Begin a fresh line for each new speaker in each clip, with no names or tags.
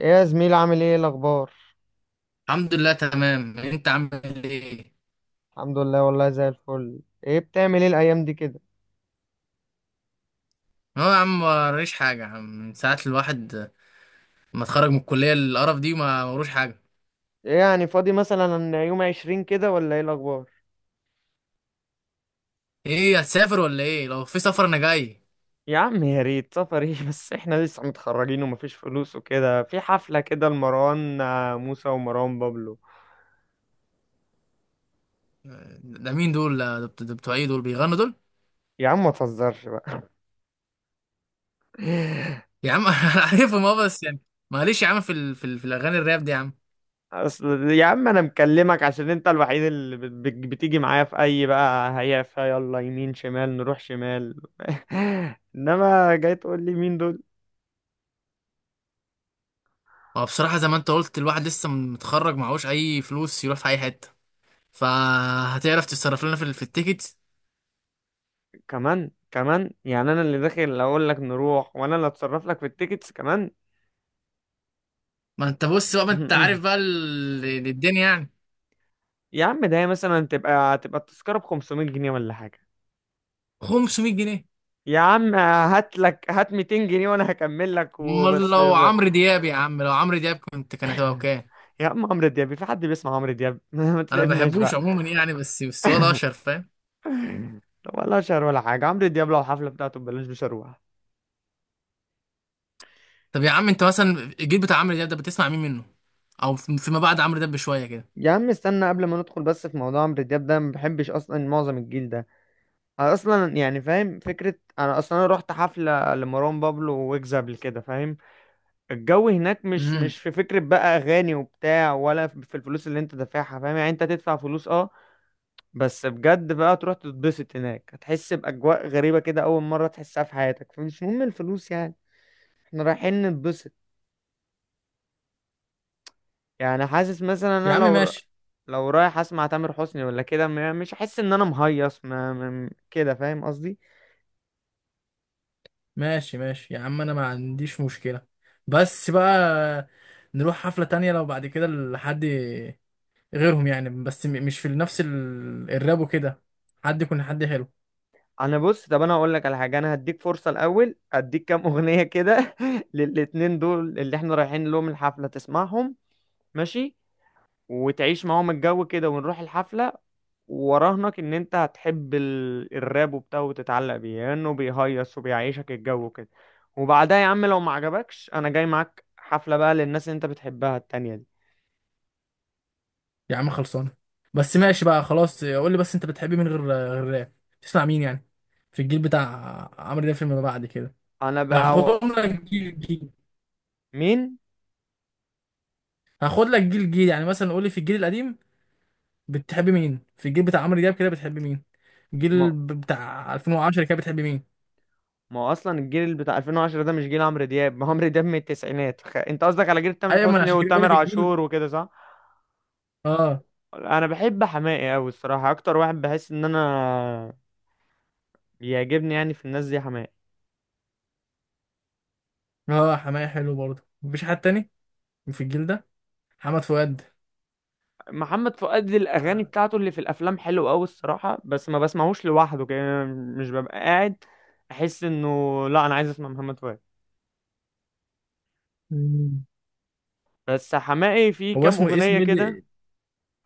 ايه يا زميل، عامل ايه الاخبار؟
الحمد لله تمام، انت عامل ايه؟
الحمد لله، والله زي الفل. ايه بتعمل ايه الايام دي كده؟
هو يا عم موريش حاجه يا عم. من ساعه الواحد ما اتخرج من الكليه القرف دي ما وروش حاجه.
ايه يعني فاضي مثلا يوم 20 كده ولا ايه الاخبار؟
ايه هتسافر ولا ايه؟ لو في سفر انا جاي.
يا عم يا ريت! سفر ايه؟ بس احنا لسه متخرجين ومفيش فلوس، وكده في حفلة كده لمروان، موسى ومروان بابلو.
ده مين دول؟ ده بتوع ايه دول بيغنوا دول؟
يا عم ما تهزرش بقى.
يا عم انا عارفهم اه بس يعني معلش يا عم في الاغاني الراب دي يا عم.
اصل يا عم انا مكلمك عشان انت الوحيد اللي بتيجي معايا في اي بقى، هيا فيا يلا يمين شمال نروح شمال. انما جاي تقول لي مين دول؟
هو بصراحه زي ما انت قلت الواحد لسه متخرج معهوش اي فلوس يروح في اي حته، فهتعرف تتصرف لنا في التيكت.
كمان كمان يعني انا اللي داخل اقول لك نروح، وانا اللي اتصرف لك في التيكتس كمان؟
ما انت بص بقى، ما انت عارف بقى الدنيا يعني.
يا عم، ده هي مثلا تبقى التذكرة ب 500 جنيه ولا حاجة؟
500 جنيه.
يا عم هات لك هات 200 جنيه وانا هكمل لك،
امال
وبس
لو
ب...
عمرو دياب، يا عم لو عمرو دياب كنت كان هتبقى بكام؟
يا عم عمرو دياب؟ في حد بيسمع عمرو دياب؟ ما
انا ما
تتعبناش
بحبوش
بقى.
عموما يعني، بس ولا اشهر، فاهم؟
طب ولا شهر ولا حاجة، عمرو دياب لو الحفلة بتاعته ببلاش مش هروح.
طب يا عم انت مثلا الجيل بتاع عمرو دياب ده بتسمع مين منه؟ او فيما بعد عمرو دياب بشويه كده.
يا عم استنى، قبل ما ندخل بس في موضوع عمرو دياب ده، ما بحبش اصلا معظم الجيل ده. انا اصلا يعني فاهم فكره، انا اصلا انا رحت حفله لمروان بابلو ويجز قبل كده، فاهم؟ الجو هناك مش
امم
مش في فكره بقى اغاني وبتاع، ولا في الفلوس اللي انت دافعها، فاهم؟ يعني انت تدفع فلوس، اه. بس بجد بقى، تروح تتبسط هناك هتحس باجواء غريبه كده اول مره تحسها في حياتك، فمش مهم الفلوس يعني. احنا رايحين نتبسط. يعني حاسس مثلا
يا
انا
عم
لو
ماشي.
لو رايح اسمع تامر حسني ولا كده مش هحس ان انا مهيص، كده فاهم قصدي؟
ماشي ماشي يا عم انا ما عنديش مشكله. بس بقى نروح حفله تانية لو بعد كده لحد غيرهم يعني، مش في نفس الراب وكده. حد يكون حد حلو.
انا بص، طب انا اقول لك على حاجه، انا هديك فرصه، الاول اديك كام اغنيه كده للاتنين دول اللي احنا رايحين لهم الحفله، تسمعهم. ماشي. وتعيش معاهم الجو كده ونروح الحفله. وراهنك ان انت هتحب الراب وبتاع، وتتعلق بيه لانه بيهيص وبيعيشك الجو كده. وبعدها يا عم لو ما عجبكش انا جاي معاك حفله بقى للناس اللي انت بتحبها التانية دي.
يا عم خلصانه. بس ماشي بقى خلاص، قول لي بس انت بتحب مين غير راب؟ تسمع مين يعني في الجيل بتاع عمرو دياب فيما بعد كده؟
انا بقى.
هاخدهم لك جيل جيل.
مين؟
هاخد لك جيل جيل يعني، مثلا قول لي في الجيل القديم بتحب مين؟ في الجيل بتاع عمرو دياب كده بتحب مين؟ بتاع 2010 كده بتحب مين؟
ما هو اصلا الجيل بتاع 2010 ده مش جيل عمرو دياب، ما هو عمرو دياب من التسعينات. انت قصدك على جيل تامر
ايوه ما انا
حسني
عشان كده بقول
وتامر
لك الجيل.
عاشور وكده صح؟
اه.
انا بحب حماقي قوي الصراحه، اكتر واحد بحس ان انا بيعجبني يعني في الناس دي حماقي.
اه حماية حلو برضه، مفيش حد تاني في الجيل ده؟ محمد فؤاد.
محمد فؤاد الاغاني
آه.
بتاعته اللي في الافلام حلوه قوي الصراحه، بس ما بسمعوش لوحده كده مش ببقى قاعد، احس انه لا انا عايز اسمع محمد فؤاد.
مم.
بس حماقي في
هو
كام
اسمه
اغنيه
ايه
كده.
اللي؟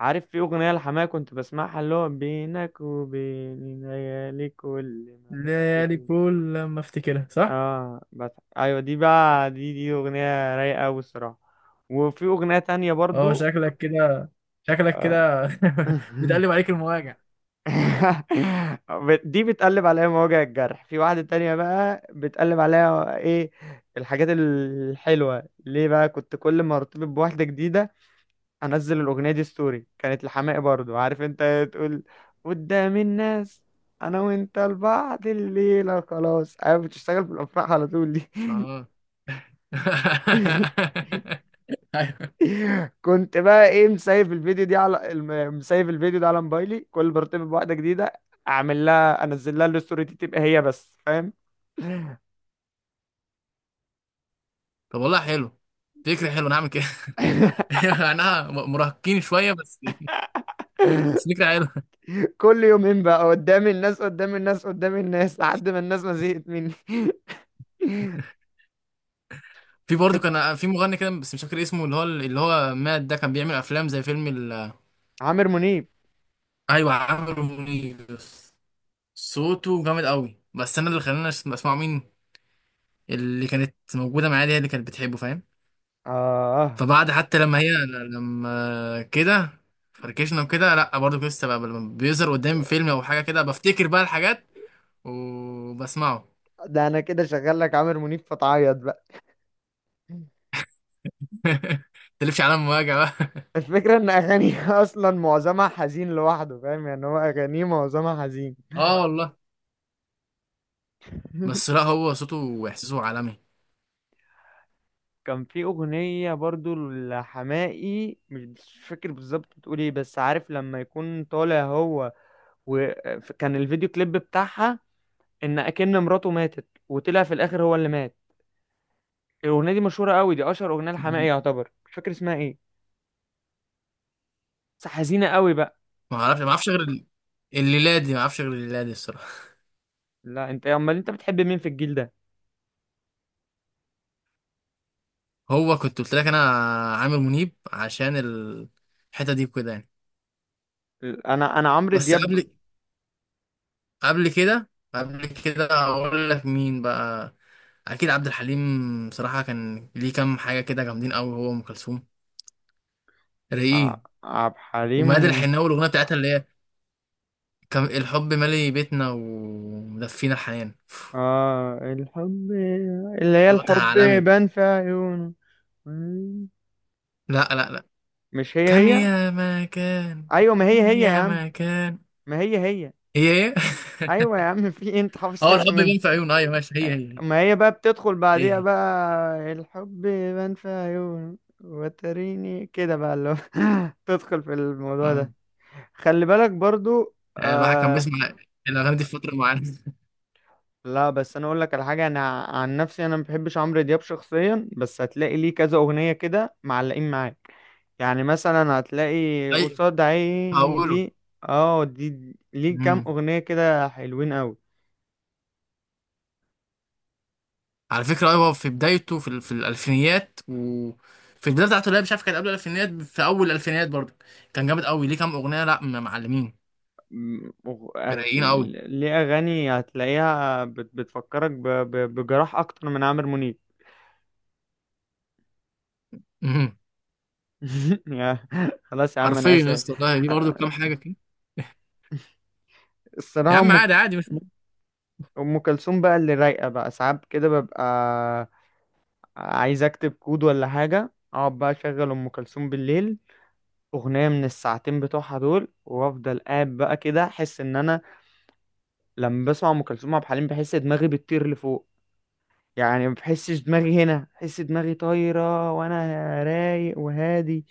عارف في اغنيه لحماقي كنت بسمعها، اللي هو بينك وبين ليالي كل ما
ليالي
بفتكر.
كل لما افتكرها صح.
اه بس. ايوه دي بقى، دي اغنيه رايقه قوي الصراحه. وفي اغنيه تانية
اه
برضو.
شكلك كده، شكلك كده، بتقلب عليك المواجع.
دي بتقلب عليها مواجع الجرح، في واحده تانية بقى بتقلب عليها ايه؟ الحاجات الحلوه ليه بقى. كنت كل ما ارتبط بواحده جديده انزل الاغنيه دي ستوري، كانت لحماقي برضو، عارف انت تقول قدام الناس: انا وانت لبعض الليله خلاص. ايوه بتشتغل في الافراح على طول دي.
اه. ايوه.
كنت بقى ايه، مسايف الفيديو دي على مسايف الفيديو ده على موبايلي، كل ما ارتبط بواحده جديده اعمل لها، انزل لها الستوري دي تبقى هي بس، فاهم؟
طب والله حلو، فكرة حلوة، انا هعمل كده. انا مراهقين شوية بس، بس فكرة حلوة.
كل يومين بقى، قدام الناس قدام الناس قدام الناس، لحد ما الناس ما زهقت مني.
في برضه كان في مغني كده بس مش فاكر اسمه، اللي هو مات ده، كان بيعمل افلام زي فيلم
عامر منيب.
ايوه عامر منيب. صوته جامد قوي، بس انا اللي خلاني اسمعه مين؟ اللي كانت موجودة معايا دي، هي اللي كانت بتحبه فاهم.
اه،
فبعد حتى لما هي، لما كده فركشنا وكده، لا برضه كنت لسه بقى لما بيظهر قدامي فيلم او حاجه كده بفتكر بقى الحاجات وبسمعه.
ده انا كده شغال لك عامر منيب فتعيط بقى.
تلفش على مواجع بقى.
الفكره ان اغانيه اصلا معظمها حزين لوحده، فاهم؟ يعني هو اغانيه معظمها حزين.
اه والله. بس لا هو صوته واحساسه عالمي.
كان في أغنية برضو لحماقي مش فاكر بالظبط بتقول ايه، بس عارف لما يكون طالع هو وكان الفيديو كليب بتاعها إن أكن مراته ماتت، وطلع في الآخر هو اللي مات. الأغنية دي مشهورة قوي، دي أشهر أغنية لحماقي يعتبر، مش فاكر اسمها ايه، بس حزينة قوي بقى.
ما اعرفش، ما اعرفش غير ال- الليله دي، ما اعرفش غير الليله دي الصراحه.
لا أنت، أمال أنت بتحب مين في الجيل ده؟
هو كنت قلت لك انا عامر منيب عشان الحته دي وكده يعني.
أنا عمرو
بس
دياب.
قبل، قبل كده هقول لك مين بقى. اكيد عبد الحليم، بصراحه كان ليه كام حاجه كده جامدين قوي، هو وام كلثوم.
ع-
رايقين.
عبد
وماد
الحليم.
الحناوي الاغنيه بتاعتها اللي هي كان الحب مالي بيتنا ومدفينا الحنان.
آه، الحب، اللي هي
صوتها
الحب
عالمي.
بان في عيونه.
لا لا لا،
مش هي
كان
هي.
يا ما كان.
ايوه، ما هي
كان
هي يا
يا
عم.
ما كان.
ما هي هي.
هي ايه؟
ايوه يا عم، في إيه؟ انت حافظ
اه
حته
الحب
منها.
يبان في عيون، ايوه ماشي هي هي.
ما هي بقى بتدخل
هي
بعديها
هي.
بقى الحب بان في عيون وتريني كده بقى، اللي هو تدخل في الموضوع
آه.
ده. خلي بالك برضو
يعني الواحد كان
آه.
بيسمع الاغاني دي في فتره معينه.
لا بس انا اقول لك على حاجه، انا عن نفسي انا ما بحبش عمرو دياب شخصيا، بس هتلاقي ليه كذا اغنيه كده معلقين معاك. يعني مثلا هتلاقي
اي.
قصاد عيني
هقوله
دي. اه، دي ليه كام اغنيه كده حلوين قوي.
على فكرة، أيوة في بدايته في الألفينيات وفي البداية بتاعته، لا مش عارف كان قبل الألفينيات، في أول الألفينيات برضه كان جامد أوي، ليه كام أغنية لا م- معلمين. رايقين أوي.
ليه أغاني هتلاقيها بتفكرك بجراح أكتر من عامر منيب.
مهم.
يا- خلاص يا عم
حرفيا
أنا
يا
آسف.
اسطى والله ليه برضه كام حاجة كده. يا
الصراحة
عم عادي، عادي مش مهم.
أم كلثوم بقى اللي رايقة، بقى ساعات كده ببقى عايز أكتب كود ولا حاجة، أقعد بقى أشغل أم كلثوم بالليل أغنية من الساعتين بتوعها دول، وأفضل قاعد بقى كده أحس إن أنا لما بسمع أم كلثوم عبد الحليم بحس دماغي بتطير لفوق. يعني ما بحسش دماغي هنا، بحس دماغي طايرة وانا رايق وهادي.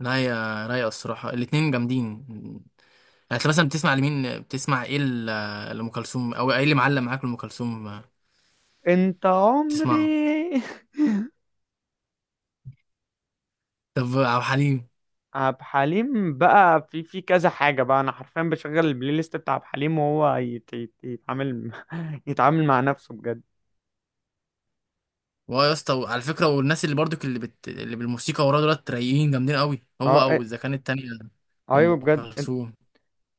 لا يا رايقة الصراحة، الاتنين جامدين. يعني أنت مثلا بتسمع لمين؟ بتسمع إيه لأم كلثوم؟ أو إيه اللي معلم معاك لأم كلثوم
انت
بتسمعه؟
عمري.
طب عبد الحليم؟
عبد حليم بقى في كذا حاجة، بقى انا حرفيا بشغل البلاي ليست بتاع عبد حليم وهو يتعامل يتعامل مع نفسه بجد.
واه يا اسطى على فكره، والناس اللي برضك اللي بالموسيقى وراه دولت رايقين جامدين قوي، هو
اه
او
إيه،
اذا كانت التانيه
ايوه
ام
بجد انت.
كلثوم.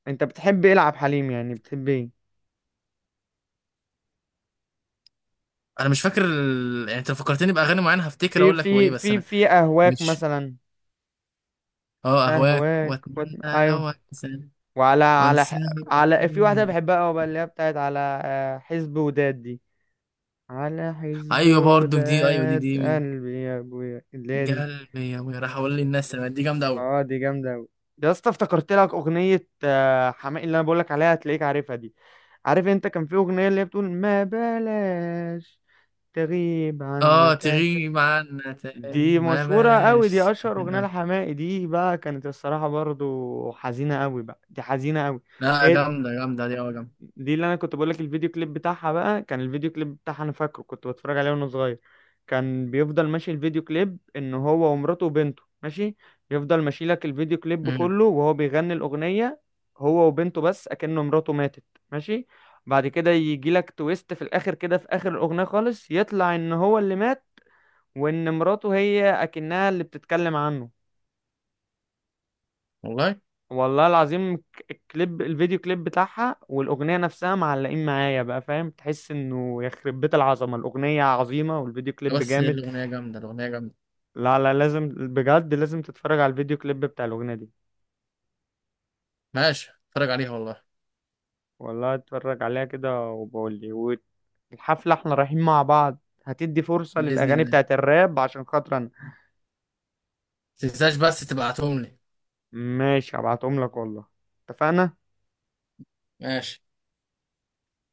أنت بتحب ايه لعب حليم، يعني بتحب ايه؟
انا مش فاكر يعني انت لو فكرتني باغاني معينه هفتكر
في
اقول لك هو
في
ايه، بس
في
انا
في اهواك
مش.
مثلا.
اه اهواك
اهواك
واتمنى،
ايوه.
لو انسى
وعلى على
وانسى.
ح- على، في واحدة
وأهوي.
بحبها قوي بقى اللي هي بتاعت على حزب وداد دي. على حزب
ايوه برضك دي، ايوه دي
وداد
دي من
قلبي يا ابويا، اللي هي دي.
قلبي يا وي، راح اقول للناس أنا، دي جامده قوي.
اه دي جامده قوي. يا اسطى افتكرت لك اغنيه حماقي اللي انا بقول لك عليها، هتلاقيك عارفها دي. عارف انت كان في اغنيه اللي هي بتقول: ما بلاش تغيب عنا
اه
تاني.
تغيب عنا
دي
تاني ما
مشهوره قوي، دي
بلاش.
اشهر اغنيه لحماقي، دي بقى كانت الصراحه برضو حزينه قوي بقى، دي حزينه قوي.
لا
هي
جامده جامده دي، اه جامده.
دي اللي انا كنت بقول لك، الفيديو كليب بتاعها بقى، كان الفيديو كليب بتاعها انا فاكره، كنت بتفرج عليه وانا صغير. كان بيفضل ماشي الفيديو كليب ان هو ومراته وبنته ماشي، يفضل ماشي لك الفيديو كليب
أمم.
كله وهو بيغني الاغنية، هو وبنته بس اكنه مراته ماتت. ماشي. بعد كده يجي لك تويست في الاخر كده، في اخر الاغنية خالص يطلع ان هو اللي مات، وان مراته هي اكنها اللي بتتكلم عنه.
والله.
والله العظيم كليب الفيديو كليب بتاعها والاغنيه نفسها معلقين معايا بقى، فاهم؟ تحس انه يخرب بيت العظمه، الاغنيه عظيمه والفيديو كليب
بس هي
جامد.
الأغنية جامدة، الأغنية جامدة.
لا لا لازم بجد، لازم تتفرج على الفيديو كليب بتاع الاغنيه دي.
ماشي اتفرج عليها والله.
والله اتفرج عليها كده وبقول لي. والحفله احنا رايحين مع بعض، هتدي فرصه
بإذن
للاغاني
الله.
بتاعت الراب عشان خاطر انا.
متنساش بس تبعتهم لي.
ماشي هبعتهم لك والله. اتفقنا.
ماشي.